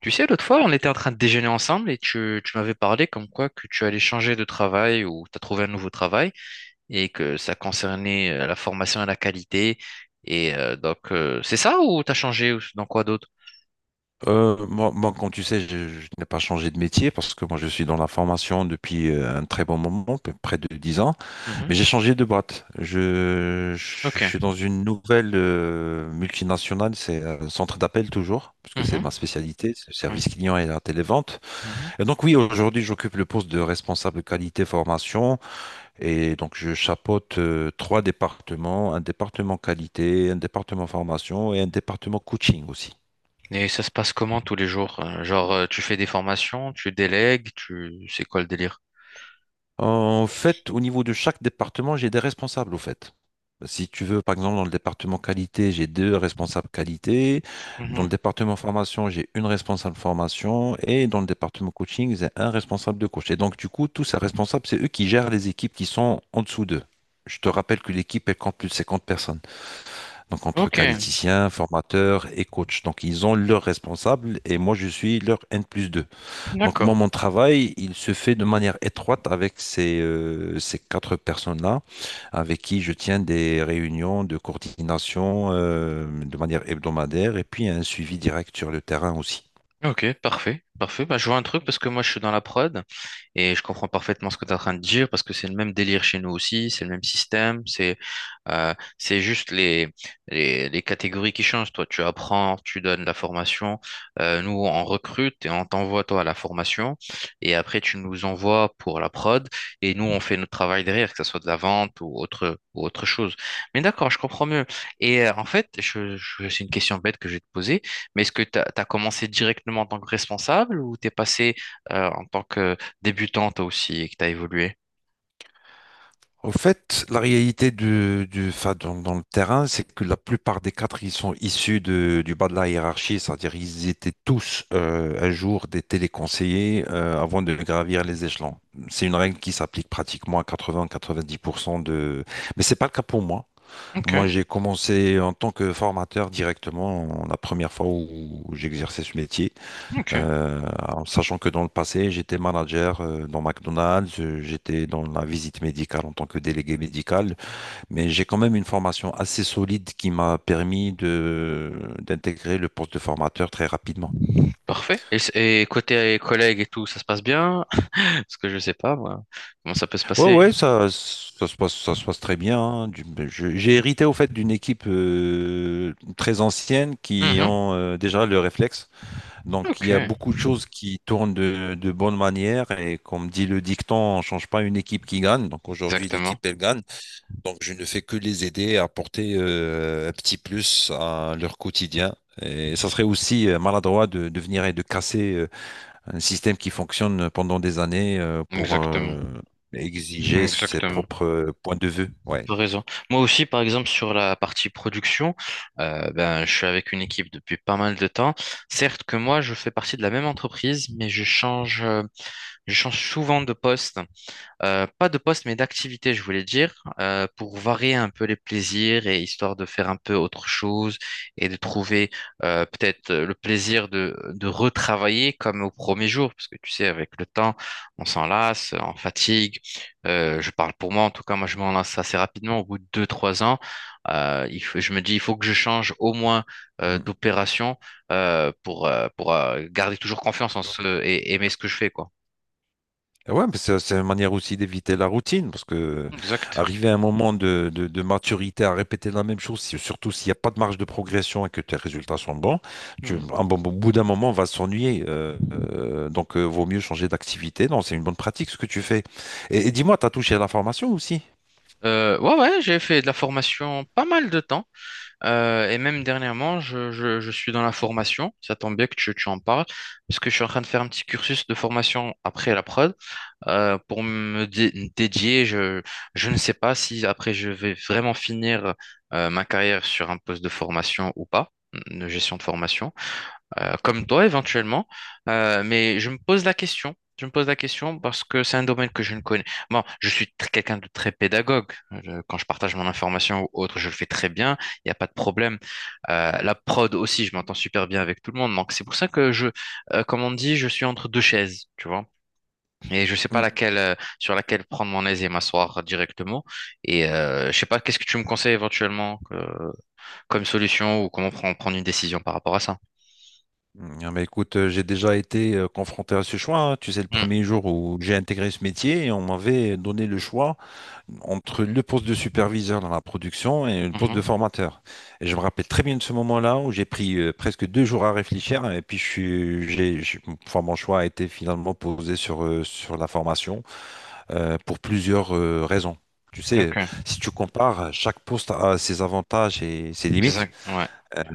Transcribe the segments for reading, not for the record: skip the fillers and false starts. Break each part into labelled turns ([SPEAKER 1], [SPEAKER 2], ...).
[SPEAKER 1] Tu sais, l'autre fois, on était en train de déjeuner ensemble et tu m'avais parlé comme quoi que tu allais changer de travail ou tu as trouvé un nouveau travail et que ça concernait la formation et la qualité. Et donc, c'est ça ou tu as changé ou dans quoi d'autre?
[SPEAKER 2] Moi, comme tu sais, je n'ai pas changé de métier parce que moi, je suis dans la formation depuis un très bon moment, près de 10 ans, mais
[SPEAKER 1] Mhm.
[SPEAKER 2] j'ai changé de boîte. Je
[SPEAKER 1] Ok.
[SPEAKER 2] suis dans une nouvelle multinationale, c'est un centre d'appel toujours, puisque c'est
[SPEAKER 1] Mhm.
[SPEAKER 2] ma spécialité, c'est le service
[SPEAKER 1] Mhm.
[SPEAKER 2] client et la télévente.
[SPEAKER 1] Mhm.
[SPEAKER 2] Et donc oui, aujourd'hui, j'occupe le poste de responsable qualité formation et donc je chapeaute trois départements, un département qualité, un département formation et un département coaching aussi.
[SPEAKER 1] Et ça se passe comment tous les jours? Genre, tu fais des formations, tu délègues, c'est quoi le délire?
[SPEAKER 2] En fait, au niveau de chaque département, j'ai des responsables, au fait. Si tu veux, par exemple, dans le département qualité, j'ai deux responsables qualité. Dans le
[SPEAKER 1] Mhm.
[SPEAKER 2] département formation, j'ai une responsable formation. Et dans le département coaching, j'ai un responsable de coach. Et donc, du coup, tous ces responsables, c'est eux qui gèrent les équipes qui sont en dessous d'eux. Je te rappelle que l'équipe, elle compte plus de 50 personnes. Donc, entre
[SPEAKER 1] Ok,
[SPEAKER 2] qualiticiens, formateurs et coachs. Donc, ils ont leurs responsables et moi, je suis leur N plus deux. Donc moi,
[SPEAKER 1] d'accord.
[SPEAKER 2] mon travail, il se fait de manière étroite avec ces quatre personnes-là, avec qui je tiens des réunions de coordination de manière hebdomadaire et puis un suivi direct sur le terrain aussi.
[SPEAKER 1] Ok, parfait, parfait. Bah, je vois un truc parce que moi je suis dans la prod. Et je comprends parfaitement ce que tu es en train de dire parce que c'est le même délire chez nous aussi, c'est le même système, c'est juste les catégories qui changent. Toi, tu apprends, tu donnes la formation. Nous, on recrute et on t'envoie, toi, à la formation. Et après, tu nous envoies pour la prod, et nous, on fait notre travail derrière, que ce soit de la vente ou autre chose. Mais d'accord, je comprends mieux. Et en fait, je- c'est une question bête que je vais te poser, mais est-ce que tu as commencé directement en tant que responsable ou tu es passé en tant que débutant toi aussi et que tu as évolué.
[SPEAKER 2] Au fait, la réalité enfin, dans le terrain, c'est que la plupart des cadres, ils sont issus du bas de la hiérarchie, c'est-à-dire ils étaient tous un jour des téléconseillers avant de gravir les échelons. C'est une règle qui s'applique pratiquement à 80-90%. Mais c'est pas le cas pour moi. Moi,
[SPEAKER 1] Ok,
[SPEAKER 2] j'ai commencé en tant que formateur directement la première fois où j'exerçais ce métier.
[SPEAKER 1] ok,
[SPEAKER 2] Euh, En sachant que dans le passé, j'étais manager dans McDonald's, j'étais dans la visite médicale en tant que délégué médical, mais j'ai quand même une formation assez solide qui m'a permis de d'intégrer le poste de formateur très rapidement.
[SPEAKER 1] parfait. Et et côté collègues et tout, ça se passe bien? Parce que je sais pas, moi, comment ça peut se
[SPEAKER 2] Ouais,
[SPEAKER 1] passer?
[SPEAKER 2] ouais, ça se passe, ça se passe très bien, hein. J'ai hérité au fait d'une équipe très ancienne qui
[SPEAKER 1] Mhm.
[SPEAKER 2] ont déjà le réflexe. Donc, il
[SPEAKER 1] Ok,
[SPEAKER 2] y a beaucoup de choses qui tournent de bonne manière. Et comme dit le dicton, on ne change pas une équipe qui gagne. Donc, aujourd'hui,
[SPEAKER 1] exactement,
[SPEAKER 2] l'équipe, elle gagne. Donc, je ne fais que les aider à apporter un petit plus à leur quotidien. Et ça serait aussi maladroit de venir et de casser un système qui fonctionne pendant des années pour
[SPEAKER 1] exactement,
[SPEAKER 2] exiger ses
[SPEAKER 1] exactement.
[SPEAKER 2] propres points de vue. Ouais.
[SPEAKER 1] T'as raison. Moi aussi, par exemple, sur la partie production, ben, je suis avec une équipe depuis pas mal de temps. Certes que moi, je fais partie de la même entreprise, mais je change souvent de poste. Pas de poste, mais d'activité, je voulais dire, pour varier un peu les plaisirs et histoire de faire un peu autre chose et de trouver peut-être le plaisir de retravailler comme au premier jour, parce que tu sais, avec le temps, on s'en lasse, on fatigue. Je parle pour moi, en tout cas, moi, je m'en lasse assez rapidement, au bout de deux, trois ans. Je me dis, il faut que je change au moins d'opération pour garder toujours confiance en
[SPEAKER 2] Mm.
[SPEAKER 1] ce et aimer ce que je fais, quoi.
[SPEAKER 2] Eh ouais, mais ça, c'est une manière aussi d'éviter la routine, parce que
[SPEAKER 1] Exact.
[SPEAKER 2] arriver à un moment de maturité à répéter la même chose, surtout s'il n'y a pas de marge de progression et que tes résultats sont bons,
[SPEAKER 1] Hmm.
[SPEAKER 2] au bout d'un moment, on va s'ennuyer. Donc, vaut mieux changer d'activité. Non, c'est une bonne pratique ce que tu fais. Et, dis-moi, tu as touché à la formation aussi?
[SPEAKER 1] Ouais, ouais, j'ai fait de la formation pas mal de temps. Et même dernièrement, je suis dans la formation. Ça tombe bien que tu en parles, parce que je suis en train de faire un petit cursus de formation après la prod. Dédier, je ne sais pas si après je vais vraiment finir ma carrière sur un poste de formation ou pas, de gestion de formation comme toi éventuellement, mais je me pose la question. Je me pose la question parce que c'est un domaine que je ne connais. Bon, quelqu'un de très pédagogue. Je- quand je partage mon information ou autre, je le fais très bien. Il n'y a pas de problème. La prod aussi, je m'entends super bien avec tout le monde. Donc c'est pour ça que comme on dit, je suis entre deux chaises, tu vois. Et je sais pas
[SPEAKER 2] Mm.
[SPEAKER 1] laquelle, sur laquelle prendre mon aise et m'asseoir directement. Et je sais pas, qu'est-ce que tu me conseilles éventuellement comme solution ou comment prendre une décision par rapport à ça?
[SPEAKER 2] Ah, mais écoute, j'ai déjà été confronté à ce choix, hein. Tu sais, le
[SPEAKER 1] Hmm.
[SPEAKER 2] premier jour où j'ai intégré ce métier, on m'avait donné le choix entre le poste de superviseur dans la production et le poste de
[SPEAKER 1] Mhm.
[SPEAKER 2] formateur. Et je me rappelle très bien de ce moment-là où j'ai pris presque 2 jours à réfléchir et puis je suis, j'ai- enfin, mon choix a été finalement posé sur la formation pour plusieurs raisons. Tu sais,
[SPEAKER 1] Ok.
[SPEAKER 2] si tu compares, chaque poste a ses avantages et ses
[SPEAKER 1] C'est ça,
[SPEAKER 2] limites,
[SPEAKER 1] ouais.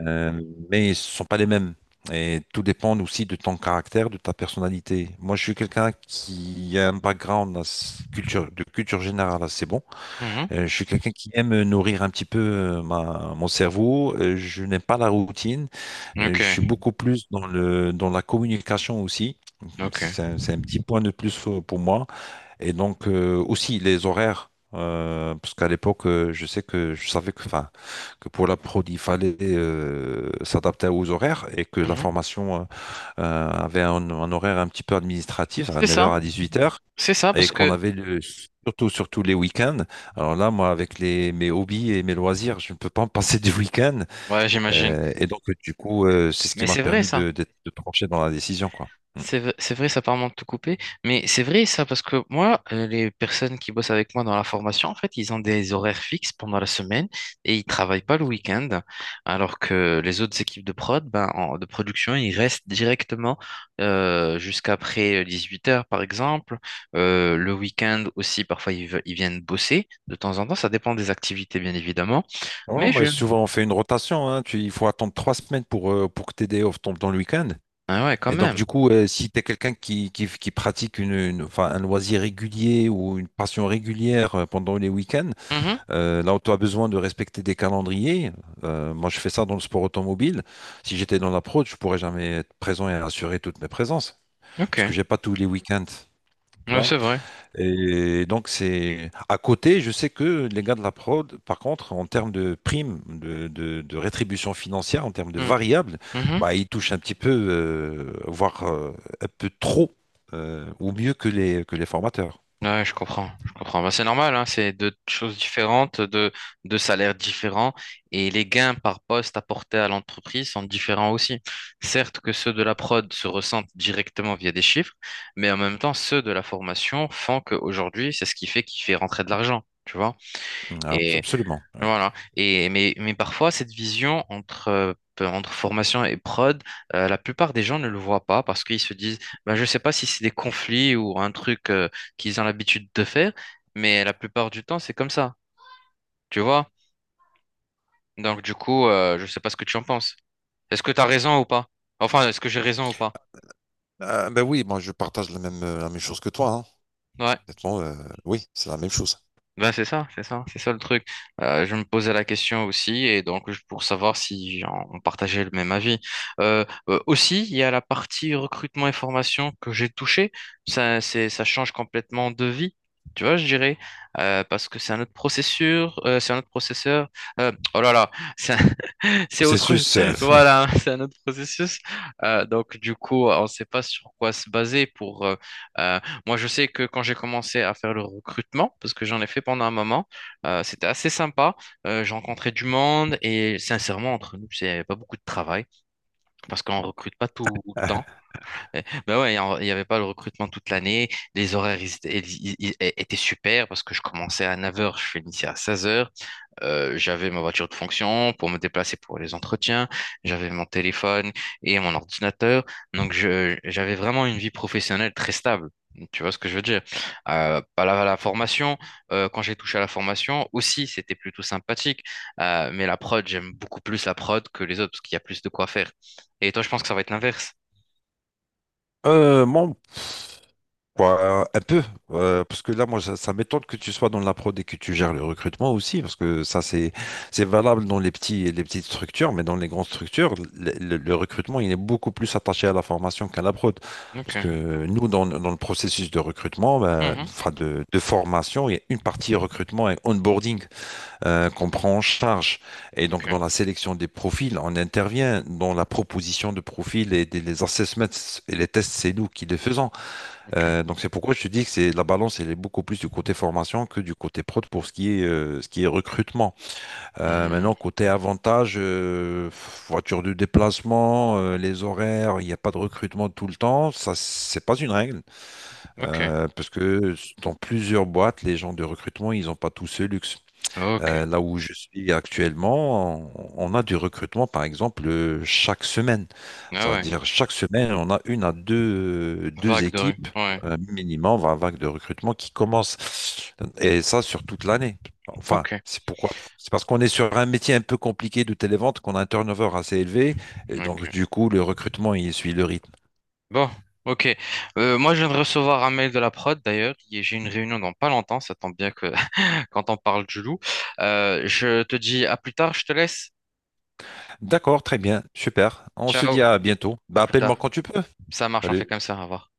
[SPEAKER 2] euh, mais ce ne sont pas les mêmes. Et tout dépend aussi de ton caractère, de ta personnalité. Moi, je suis quelqu'un qui a un background culture, de culture générale assez bon.
[SPEAKER 1] Mhm.
[SPEAKER 2] Je suis quelqu'un qui aime nourrir un petit peu mon cerveau. Je n'aime pas la routine.
[SPEAKER 1] Ok,
[SPEAKER 2] Je suis beaucoup plus dans la communication aussi.
[SPEAKER 1] ok.
[SPEAKER 2] C'est un petit point de plus pour moi. Et donc aussi les horaires, parce qu'à l'époque, je savais que, enfin, que pour la prod, il fallait s'adapter aux horaires et que la
[SPEAKER 1] Mhm.
[SPEAKER 2] formation avait un horaire un petit peu administratif, à
[SPEAKER 1] C'est
[SPEAKER 2] 9 heures
[SPEAKER 1] ça,
[SPEAKER 2] à 18 heures
[SPEAKER 1] c'est ça,
[SPEAKER 2] et
[SPEAKER 1] parce
[SPEAKER 2] qu'on
[SPEAKER 1] que,
[SPEAKER 2] avait surtout, surtout les week-ends. Alors là, moi, avec mes hobbies et mes loisirs, je ne peux pas me passer du week-end.
[SPEAKER 1] ouais, j'imagine.
[SPEAKER 2] Et donc, du coup, c'est ce qui
[SPEAKER 1] Mais
[SPEAKER 2] m'a
[SPEAKER 1] c'est vrai,
[SPEAKER 2] permis
[SPEAKER 1] ça.
[SPEAKER 2] de trancher dans la décision, quoi. Mm.
[SPEAKER 1] C'est vrai, ça permet de tout couper, mais c'est vrai ça parce que moi, les personnes qui bossent avec moi dans la formation, en fait, ils ont des horaires fixes pendant la semaine et ils travaillent pas le week-end, alors que les autres équipes de prod, de production, ils restent directement jusqu'après 8 heures par exemple. Le week-end aussi, parfois ils viennent bosser de temps en temps, ça dépend des activités bien évidemment,
[SPEAKER 2] Ouais,
[SPEAKER 1] mais
[SPEAKER 2] mais souvent, on fait une rotation, hein. Il faut attendre 3 semaines pour que tes day off tombent dans le week-end.
[SPEAKER 1] ah ouais, quand
[SPEAKER 2] Et donc,
[SPEAKER 1] même.
[SPEAKER 2] du coup, si tu es quelqu'un qui pratique enfin, un loisir régulier ou une passion régulière pendant les week-ends,
[SPEAKER 1] Mhm.
[SPEAKER 2] là où tu as besoin de respecter des calendriers, moi je fais ça dans le sport automobile. Si j'étais dans la prod, je pourrais jamais être présent et assurer toutes mes présences,
[SPEAKER 1] Ok,
[SPEAKER 2] parce que j'ai pas tous les week-ends, tu
[SPEAKER 1] ouais,
[SPEAKER 2] vois.
[SPEAKER 1] c'est vrai.
[SPEAKER 2] Et donc, c'est à côté, je sais que les gars de la prod, par contre, en termes de primes, de rétribution financière, en termes de
[SPEAKER 1] Mm.
[SPEAKER 2] variables,
[SPEAKER 1] Mhm.
[SPEAKER 2] bah, ils touchent un petit peu, voire un peu trop, ou mieux que que les formateurs.
[SPEAKER 1] Ouais, je comprends, je comprends. Bah, c'est normal, hein, c'est deux choses différentes, deux salaires différents, et les gains par poste apportés à l'entreprise sont différents aussi. Certes que ceux de la prod se ressentent directement via des chiffres, mais en même temps, ceux de la formation font qu'aujourd'hui, c'est ce qui fait qu'il fait rentrer de l'argent, tu vois.
[SPEAKER 2] Mmh, Abs-
[SPEAKER 1] Et
[SPEAKER 2] Absolument. ouais.
[SPEAKER 1] voilà. Mais parfois, cette vision entre, entre formation et prod, la plupart des gens ne le voient pas parce qu'ils se disent, ben, je ne sais pas si c'est des conflits ou un truc qu'ils ont l'habitude de faire, mais la plupart du temps, c'est comme ça. Tu vois? Donc, du coup, je ne sais pas ce que tu en penses. Est-ce que tu as raison ou pas? Enfin, est-ce que j'ai raison ou pas?
[SPEAKER 2] Ben oui, moi je partage la même chose que toi.
[SPEAKER 1] Ouais.
[SPEAKER 2] Honnêtement, oui, c'est la même chose.
[SPEAKER 1] Ben c'est ça, c'est ça, c'est ça le truc. Je me posais la question aussi, et donc pour savoir si on partageait le même avis. Aussi, il y a la partie recrutement et formation que j'ai touchée. Ça, ça change complètement de vie, tu vois, je dirais. Parce que c'est un autre processeur, c'est un autre processeur. Oh là là, c'est c'est autre,
[SPEAKER 2] Processus.
[SPEAKER 1] voilà, c'est un autre processus. Donc, du coup, on ne sait pas sur quoi se baser pour. Euh, Moi, je sais que quand j'ai commencé à faire le recrutement, parce que j'en ai fait pendant un moment, c'était assez sympa. J'ai rencontré du monde et sincèrement, entre nous, c'est pas beaucoup de travail parce qu'on recrute pas tout le temps. Ben ouais, il n'y avait pas le recrutement toute l'année. Les horaires ils étaient super parce que je commençais à 9 heures, je finissais à 16 heures. J'avais ma voiture de fonction pour me déplacer pour les entretiens, j'avais mon téléphone et mon ordinateur. Donc, j'avais vraiment une vie professionnelle très stable. Tu vois ce que je veux dire? Pas la formation, quand j'ai touché à la formation aussi, c'était plutôt sympathique. Mais la prod, j'aime beaucoup plus la prod que les autres parce qu'il y a plus de quoi faire. Et toi, je pense que ça va être l'inverse.
[SPEAKER 2] Mon Quoi, un peu, parce que là, moi, ça m'étonne que tu sois dans la prod et que tu gères le recrutement aussi, parce que ça, c'est valable dans les petites structures, mais dans les grandes structures, le recrutement, il est beaucoup plus attaché à la formation qu'à la prod.
[SPEAKER 1] Ok.
[SPEAKER 2] Parce que nous, dans le processus de recrutement, ben,
[SPEAKER 1] Mhm.
[SPEAKER 2] enfin de formation, il y a une partie recrutement et onboarding qu'on prend en charge. Et donc,
[SPEAKER 1] Ok.
[SPEAKER 2] dans la sélection des profils, on intervient dans la proposition de profils et les assessments et les tests, c'est nous qui les faisons.
[SPEAKER 1] Ok.
[SPEAKER 2] Donc c'est pourquoi je te dis que c'est la balance, elle est beaucoup plus du côté formation que du côté prod pour ce qui est recrutement.
[SPEAKER 1] Mhm.
[SPEAKER 2] Maintenant, côté avantage, voiture de déplacement, les horaires, il n'y a pas de recrutement tout le temps. Ça, c'est pas une règle.
[SPEAKER 1] Ok.
[SPEAKER 2] Parce que dans plusieurs boîtes, les gens de recrutement, ils n'ont pas tous ce luxe.
[SPEAKER 1] Ok.
[SPEAKER 2] Là où je suis actuellement, on a du recrutement, par exemple, chaque semaine.
[SPEAKER 1] Ah ouais.
[SPEAKER 2] C'est-à-dire, chaque semaine, on a une à deux
[SPEAKER 1] Vague de rue.
[SPEAKER 2] équipes
[SPEAKER 1] Ouais.
[SPEAKER 2] minimum, 20 vagues de recrutement qui commencent. Et ça, sur toute l'année. Enfin,
[SPEAKER 1] Ok.
[SPEAKER 2] c'est pourquoi? C'est parce qu'on est sur un métier un peu compliqué de télévente, qu'on a un turnover assez élevé. Et
[SPEAKER 1] Ok.
[SPEAKER 2] donc, du coup, le recrutement, il suit le rythme.
[SPEAKER 1] Bon, ok. Moi, je viens de recevoir un mail de la prod, d'ailleurs, et j'ai une réunion dans pas longtemps. Ça tombe bien que quand on parle du loup. Je te dis à plus tard, je te laisse.
[SPEAKER 2] D'accord, très bien, super. On se
[SPEAKER 1] Ciao,
[SPEAKER 2] dit à bientôt.
[SPEAKER 1] à
[SPEAKER 2] Bah,
[SPEAKER 1] plus
[SPEAKER 2] appelle-moi
[SPEAKER 1] tard.
[SPEAKER 2] quand tu peux.
[SPEAKER 1] Ça marche, on fait
[SPEAKER 2] Salut.
[SPEAKER 1] comme ça, au revoir.